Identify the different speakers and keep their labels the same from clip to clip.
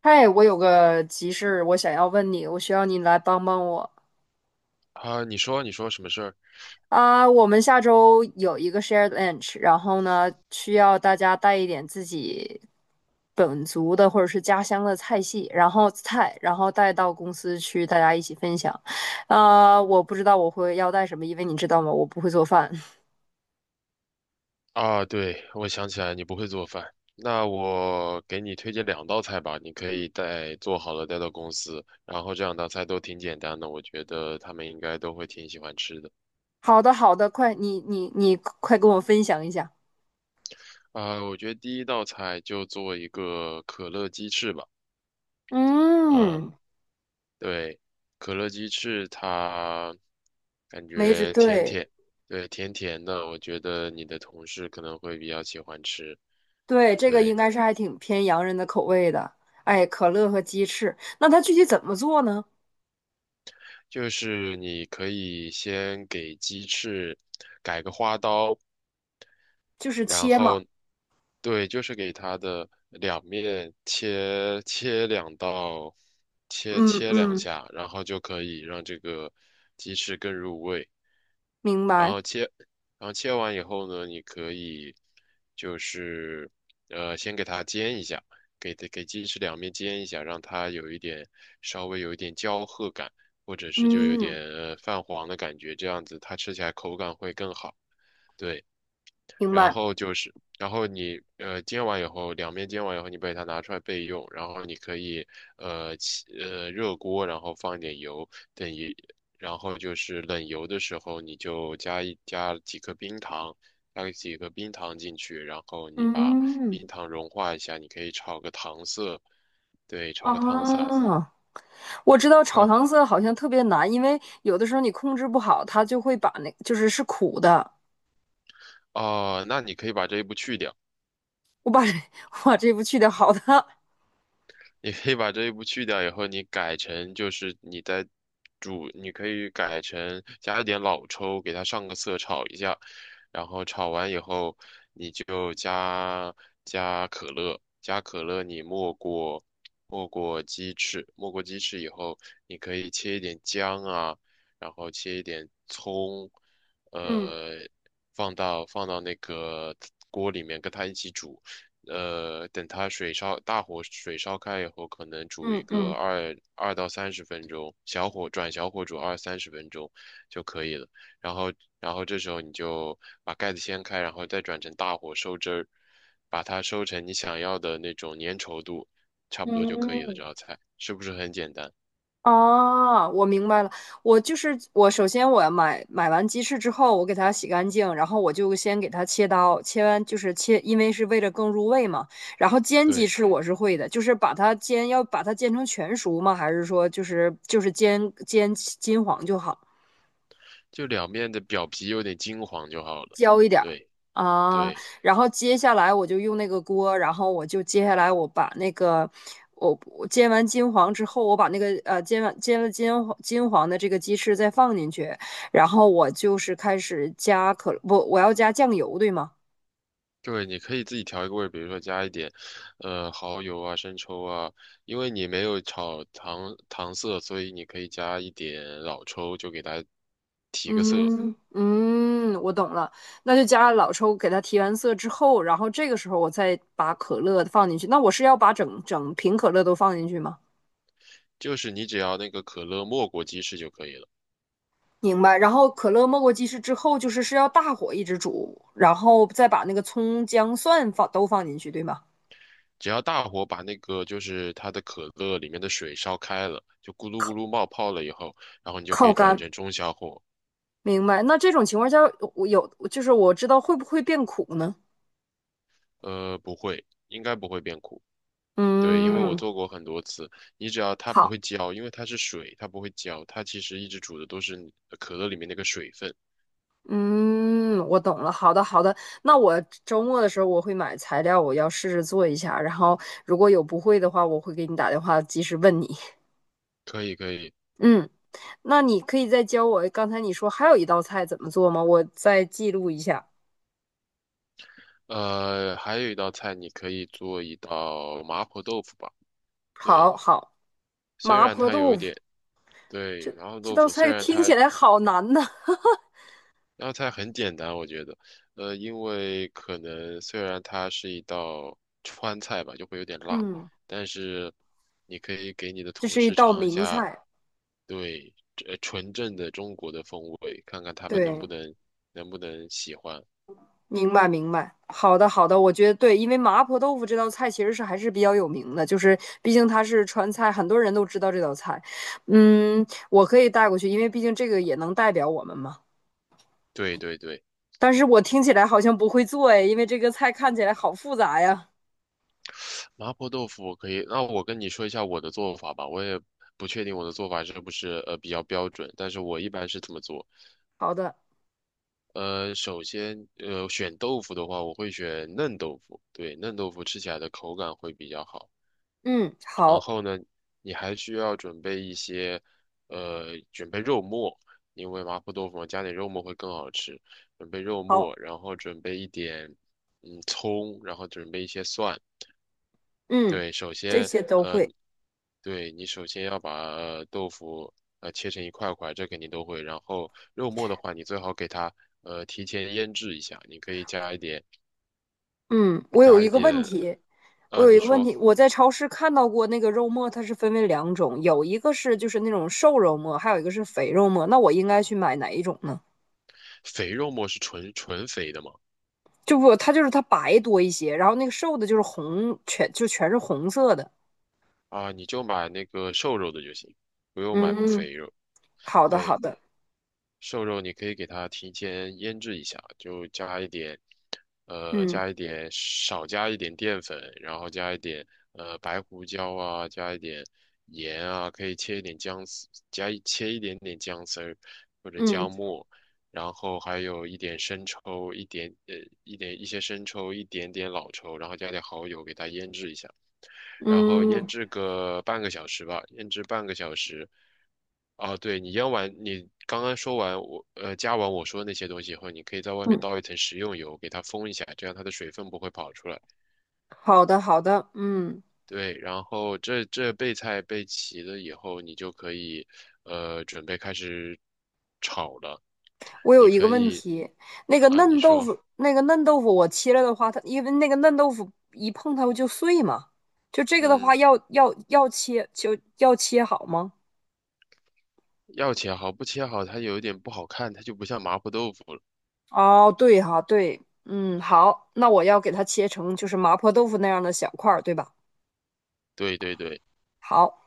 Speaker 1: 嗨，我有个急事，我想要问你，我需要你来帮帮我
Speaker 2: 啊，你说什么事儿
Speaker 1: 啊。我们下周有一个 shared lunch，然后呢，需要大家带一点自己本族的或者是家乡的菜系，然后菜，然后带到公司去，大家一起分享。啊，我不知道我会要带什么，因为你知道吗，我不会做饭。
Speaker 2: 啊？对，我想起来你不会做饭，那我给你推荐两道菜吧，你可以带做好了带到公司，然后这两道菜都挺简单的，我觉得他们应该都会挺喜欢吃的。
Speaker 1: 好的，好的，快，你快跟我分享一下。
Speaker 2: 啊，我觉得第一道菜就做一个可乐鸡翅吧。嗯。
Speaker 1: 嗯，
Speaker 2: 对，可乐鸡翅它感
Speaker 1: 没准
Speaker 2: 觉甜
Speaker 1: 对。
Speaker 2: 甜，对，甜甜的，我觉得你的同事可能会比较喜欢吃。
Speaker 1: 对，这个应
Speaker 2: 对。
Speaker 1: 该是还挺偏洋人的口味的。哎，可乐和鸡翅，那它具体怎么做呢？
Speaker 2: 就是你可以先给鸡翅改个花刀，
Speaker 1: 就是
Speaker 2: 然
Speaker 1: 切嘛。
Speaker 2: 后对，就是给它的两面切切两刀，切
Speaker 1: 嗯
Speaker 2: 切两
Speaker 1: 嗯，
Speaker 2: 下，然后就可以让这个鸡翅更入味。
Speaker 1: 明
Speaker 2: 然
Speaker 1: 白。
Speaker 2: 后切，然后切完以后呢，你可以就是先给它煎一下，给鸡翅两面煎一下，让它有一点稍微有一点焦褐感，或者是就有点
Speaker 1: 嗯，
Speaker 2: 泛黄的感觉，这样子它吃起来口感会更好。对。
Speaker 1: 明白。
Speaker 2: 然后你煎完以后，两面煎完以后，你把它拿出来备用。然后你可以呃起呃热锅，然后放一点油，等一，然后就是冷油的时候，你就加几颗冰糖，加几个冰糖进去，然后你把
Speaker 1: 嗯
Speaker 2: 冰糖融化一下，你可以炒个糖色，对，炒个糖色啊。
Speaker 1: 啊，我知道炒
Speaker 2: 啊。
Speaker 1: 糖色好像特别难，因为有的时候你控制不好，它就会把那就是是苦的。
Speaker 2: 哦，那你可以把这一步去掉。
Speaker 1: 我把这 我把这步去掉，好的。
Speaker 2: 你可以把这一步去掉以后，你改成就是你在煮，你可以改成加一点老抽，给它上个色，炒一下，然后炒完以后，你就加可乐，加可乐你没过鸡翅，没过鸡翅以后，你可以切一点姜啊，然后切一点葱，
Speaker 1: 嗯
Speaker 2: 呃，放到那个锅里面跟它一起煮。等它水烧，大火水烧开以后，可能煮一
Speaker 1: 嗯
Speaker 2: 个
Speaker 1: 嗯
Speaker 2: 二到三十分钟，转小火煮二三十分钟就可以了。然后，然后这时候你就把盖子掀开，然后再转成大火收汁儿，把它收成你想要的那种粘稠度，差不多就可以了。这
Speaker 1: 嗯，
Speaker 2: 道菜是不是很简单？
Speaker 1: 哦，我明白了。我就是我，首先我买完鸡翅之后，我给它洗干净，然后我就先给它切刀，切完就是切，因为是为了更入味嘛。然后煎鸡
Speaker 2: 对，
Speaker 1: 翅我是会的，就是把它煎，要把它煎成全熟吗？还是说就是煎煎金黄就好？
Speaker 2: 就两面的表皮有点金黄就好了。对
Speaker 1: 啊，
Speaker 2: 对。
Speaker 1: 然后接下来我就用那个锅，然后我就接下来我把那个我煎完金黄之后，我把那个煎完煎了金黄金黄的这个鸡翅再放进去，然后我就是开始加可不我要加酱油对吗？
Speaker 2: 对，你可以自己调一个味儿比如说加一点，蚝油啊、生抽啊，因为你没有炒糖色，所以你可以加一点老抽，就给它提个色。
Speaker 1: 嗯嗯，我懂了，那就加老抽给它提完色之后，然后这个时候我再把可乐放进去。那我是要把整整瓶可乐都放进去吗？
Speaker 2: 就是你只要那个可乐没过鸡翅就可以了，
Speaker 1: 明白。然后可乐没过鸡翅之后，就是是要大火一直煮，然后再把那个葱姜蒜放都放进去，对吗？
Speaker 2: 只要大火把那个就是它的可乐里面的水烧开了，就咕噜咕
Speaker 1: 靠
Speaker 2: 噜冒泡了以后，然后你就可
Speaker 1: 靠
Speaker 2: 以转
Speaker 1: 干。
Speaker 2: 成中小火，
Speaker 1: 明白。那这种情况下，我有就是我知道会不会变苦呢？
Speaker 2: 不会，应该不会变苦。对，因为我
Speaker 1: 嗯，
Speaker 2: 做过很多次，你只要它不
Speaker 1: 好，
Speaker 2: 会焦，因为它是水，它不会焦，它其实一直煮的都是你可乐里面那个水分。
Speaker 1: 嗯，我懂了。好的，好的。那我周末的时候我会买材料，我要试着做一下。然后如果有不会的话，我会给你打电话及时问你。
Speaker 2: 可以，可以。
Speaker 1: 嗯，那你可以再教我。刚才你说还有一道菜怎么做吗？我再记录一下。
Speaker 2: 还有一道菜，你可以做一道麻婆豆腐吧。对，
Speaker 1: 好好。
Speaker 2: 虽
Speaker 1: 麻
Speaker 2: 然
Speaker 1: 婆
Speaker 2: 它有
Speaker 1: 豆
Speaker 2: 一
Speaker 1: 腐，
Speaker 2: 点，对，
Speaker 1: 这
Speaker 2: 麻婆
Speaker 1: 这
Speaker 2: 豆
Speaker 1: 道
Speaker 2: 腐虽
Speaker 1: 菜
Speaker 2: 然
Speaker 1: 听
Speaker 2: 它
Speaker 1: 起来好难呐。
Speaker 2: 那道菜很简单，我觉得，因为可能虽然它是一道川菜吧，就会有点辣，
Speaker 1: 嗯，
Speaker 2: 但是你可以给你的
Speaker 1: 这
Speaker 2: 同
Speaker 1: 是一
Speaker 2: 事
Speaker 1: 道
Speaker 2: 尝一
Speaker 1: 名
Speaker 2: 下，
Speaker 1: 菜。
Speaker 2: 对，纯正的中国的风味，看看他们
Speaker 1: 对，
Speaker 2: 能不能喜欢。
Speaker 1: 明白明白。好的好的，我觉得对，因为麻婆豆腐这道菜其实是还是比较有名的，就是毕竟它是川菜，很多人都知道这道菜。嗯，我可以带过去，因为毕竟这个也能代表我们嘛。
Speaker 2: 对对对，
Speaker 1: 但是我听起来好像不会做哎，因为这个菜看起来好复杂呀。
Speaker 2: 麻婆豆腐我可以，那我跟你说一下我的做法吧，我也不确定我的做法是不是比较标准，但是我一般是这么做。
Speaker 1: 好的，
Speaker 2: 首先，选豆腐的话，我会选嫩豆腐。对，嫩豆腐吃起来的口感会比较好。
Speaker 1: 嗯，
Speaker 2: 然
Speaker 1: 好，
Speaker 2: 后呢，你还需要准备肉末，因为麻婆豆腐嘛加点肉末会更好吃。准备肉
Speaker 1: 好，
Speaker 2: 末，然后准备一点，葱，然后准备一些蒜，
Speaker 1: 嗯，
Speaker 2: 对，
Speaker 1: 这些都会。
Speaker 2: 对你首先要把豆腐切成一块块，这肯定都会。然后肉末的话，你最好给它提前腌制一下，你可以加一点，
Speaker 1: 嗯，我有一个问题。我
Speaker 2: 啊、
Speaker 1: 有
Speaker 2: 你
Speaker 1: 一个问
Speaker 2: 说，
Speaker 1: 题，我在超市看到过那个肉末，它是分为两种，有一个是就是那种瘦肉末，还有一个是肥肉末。那我应该去买哪一种呢？
Speaker 2: 肥肉末是纯纯肥的吗？
Speaker 1: 就不，它就是它白多一些，然后那个瘦的就是红，全就全是红色的。
Speaker 2: 啊，你就买那个瘦肉的就行，不用买
Speaker 1: 嗯，
Speaker 2: 肥肉。
Speaker 1: 好的，好
Speaker 2: 对，
Speaker 1: 的，
Speaker 2: 瘦肉你可以给它提前腌制一下，就加一点，呃，
Speaker 1: 嗯
Speaker 2: 加一点，少加一点淀粉，然后加一点白胡椒啊，加一点盐啊，可以切一点姜丝，切一点点姜丝儿或者
Speaker 1: 嗯
Speaker 2: 姜末，然后还有一点生抽，一点点老抽，然后加点蚝油给它腌制一下。然后腌
Speaker 1: 嗯
Speaker 2: 制个半个小时吧，腌制半个小时。哦，对，你腌完，你刚刚说完我加完我说那些东西以后，你可以在外面
Speaker 1: 嗯，
Speaker 2: 倒一层食用油，给它封一下，这样它的水分不会跑出来。
Speaker 1: 好的，好的，嗯。
Speaker 2: 对，然后这备菜备齐了以后，你就可以准备开始炒了。
Speaker 1: 我有一个问题，那个
Speaker 2: 啊，你
Speaker 1: 嫩豆
Speaker 2: 说，
Speaker 1: 腐，那个嫩豆腐我切了的话，它因为那个嫩豆腐一碰它不就碎嘛，就这个的话
Speaker 2: 嗯，
Speaker 1: 要切就要切好吗？
Speaker 2: 要切好，不切好它有一点不好看，它就不像麻婆豆腐了。
Speaker 1: 哦，对哈，对，嗯，好，那我要给它切成就是麻婆豆腐那样的小块儿，对吧？
Speaker 2: 对对对。
Speaker 1: 好，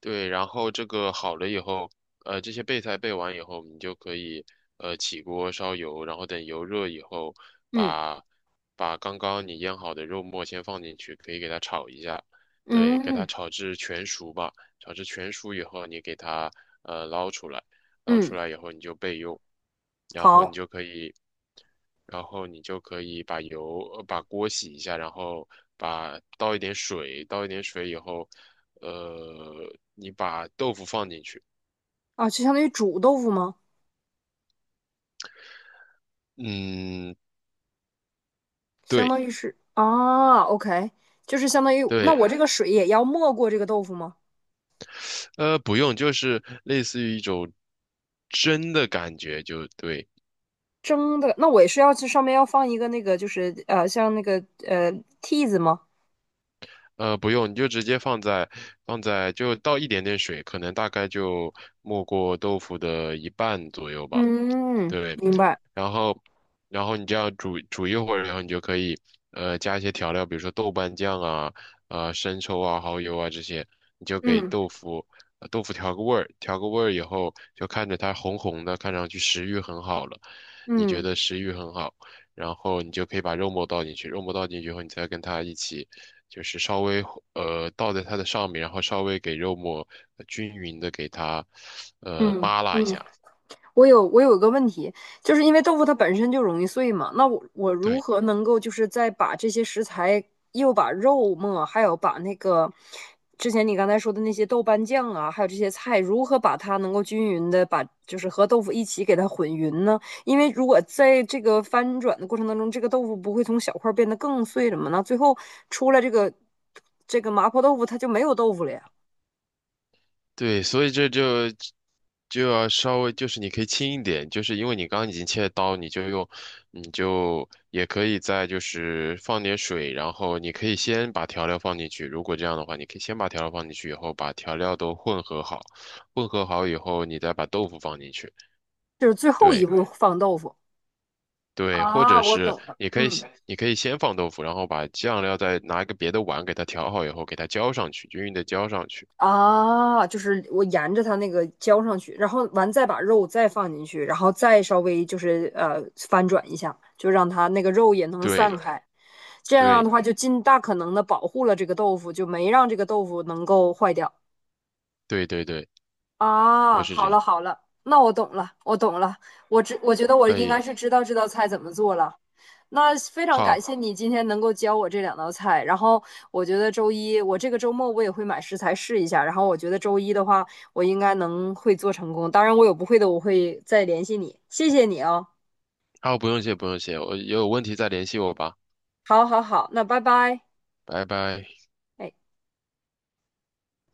Speaker 2: 对，然后这个好了以后，这些备菜备完以后，你就可以起锅烧油，然后等油热以后，
Speaker 1: 嗯
Speaker 2: 把刚刚你腌好的肉末先放进去，可以给它炒一下，对，给它
Speaker 1: 嗯
Speaker 2: 炒至全熟吧。炒至全熟以后，你给它捞出来。捞
Speaker 1: 嗯，
Speaker 2: 出来以后你就备用，然后你
Speaker 1: 好
Speaker 2: 就可以，然后你就可以把油，把锅洗一下，然后倒一点水，倒一点水以后，呃，你把豆腐放进去。
Speaker 1: 啊，就相当于煮豆腐吗？
Speaker 2: 嗯。
Speaker 1: 相
Speaker 2: 对
Speaker 1: 当于是啊，OK，就是相当于那
Speaker 2: 对。
Speaker 1: 我这个水也要没过这个豆腐吗？
Speaker 2: 不用，就是类似于一种蒸的感觉，就对。
Speaker 1: 蒸的，那我也是要去上面要放一个那个，就是，像那个呃屉子吗？
Speaker 2: 不用，你就直接放在就倒一点点水，可能大概就没过豆腐的一半左右吧。
Speaker 1: 嗯，
Speaker 2: 对，
Speaker 1: 明白。
Speaker 2: 然后然后你这样煮煮一会儿，然后你就可以加一些调料，比如说豆瓣酱啊、生抽啊、蚝油啊这些，你就给
Speaker 1: 嗯
Speaker 2: 豆腐调个味儿，调个味儿以后就看着它红红的，看上去食欲很好了，你觉
Speaker 1: 嗯。
Speaker 2: 得食欲很好，然后你就可以把肉末倒进去，肉末倒进去以后，你再跟它一起。就是稍微倒在它的上面，然后稍微给肉末均匀的给它
Speaker 1: 嗯
Speaker 2: 扒拉一
Speaker 1: 嗯。
Speaker 2: 下，
Speaker 1: 我有一个问题，就是因为豆腐它本身就容易碎嘛，那我如
Speaker 2: 对，
Speaker 1: 何能够就是再把这些食材，又把肉末，还有把那个之前你刚才说的那些豆瓣酱啊，还有这些菜，如何把它能够均匀的把就是和豆腐一起给它混匀呢？因为如果在这个翻转的过程当中，这个豆腐不会从小块儿变得更碎了吗？那最后出来这个麻婆豆腐它就没有豆腐了呀，
Speaker 2: 对，所以这就要稍微就是你可以轻一点，就是因为你刚刚已经切了刀，你就也可以再就是放点水，然后你可以先把调料放进去。如果这样的话，你可以先把调料放进去以后，把调料都混合好，混合好以后，你再把豆腐放进去。
Speaker 1: 就是最后一
Speaker 2: 对
Speaker 1: 步放豆腐。
Speaker 2: 对，或者
Speaker 1: 啊，我
Speaker 2: 是
Speaker 1: 懂了，嗯，
Speaker 2: 你可以先放豆腐，然后把酱料再拿一个别的碗给它调好以后，给它浇上去，均匀的浇上去。
Speaker 1: 啊，就是我沿着它那个浇上去，然后完再把肉再放进去，然后再稍微就是翻转一下，就让它那个肉也能散
Speaker 2: 对
Speaker 1: 开。这样
Speaker 2: 对
Speaker 1: 的话，就尽大可能的保护了这个豆腐，就没让这个豆腐能够坏掉。
Speaker 2: 对对对，就
Speaker 1: 啊，
Speaker 2: 是这
Speaker 1: 好
Speaker 2: 样，
Speaker 1: 了好了，那我懂了，我知，我觉得我
Speaker 2: 可
Speaker 1: 应该
Speaker 2: 以。
Speaker 1: 是知道这道菜怎么做了。那非常感
Speaker 2: 好，
Speaker 1: 谢你今天能够教我这两道菜，然后我觉得周一，我这个周末我也会买食材试一下，然后我觉得周一的话，我应该能会做成功。当然，我有不会的，我会再联系你。谢谢你哦。
Speaker 2: 好，不用谢，不用谢，我有问题再联系我吧，
Speaker 1: 好，好，好，那拜拜。
Speaker 2: 拜拜。
Speaker 1: 哎。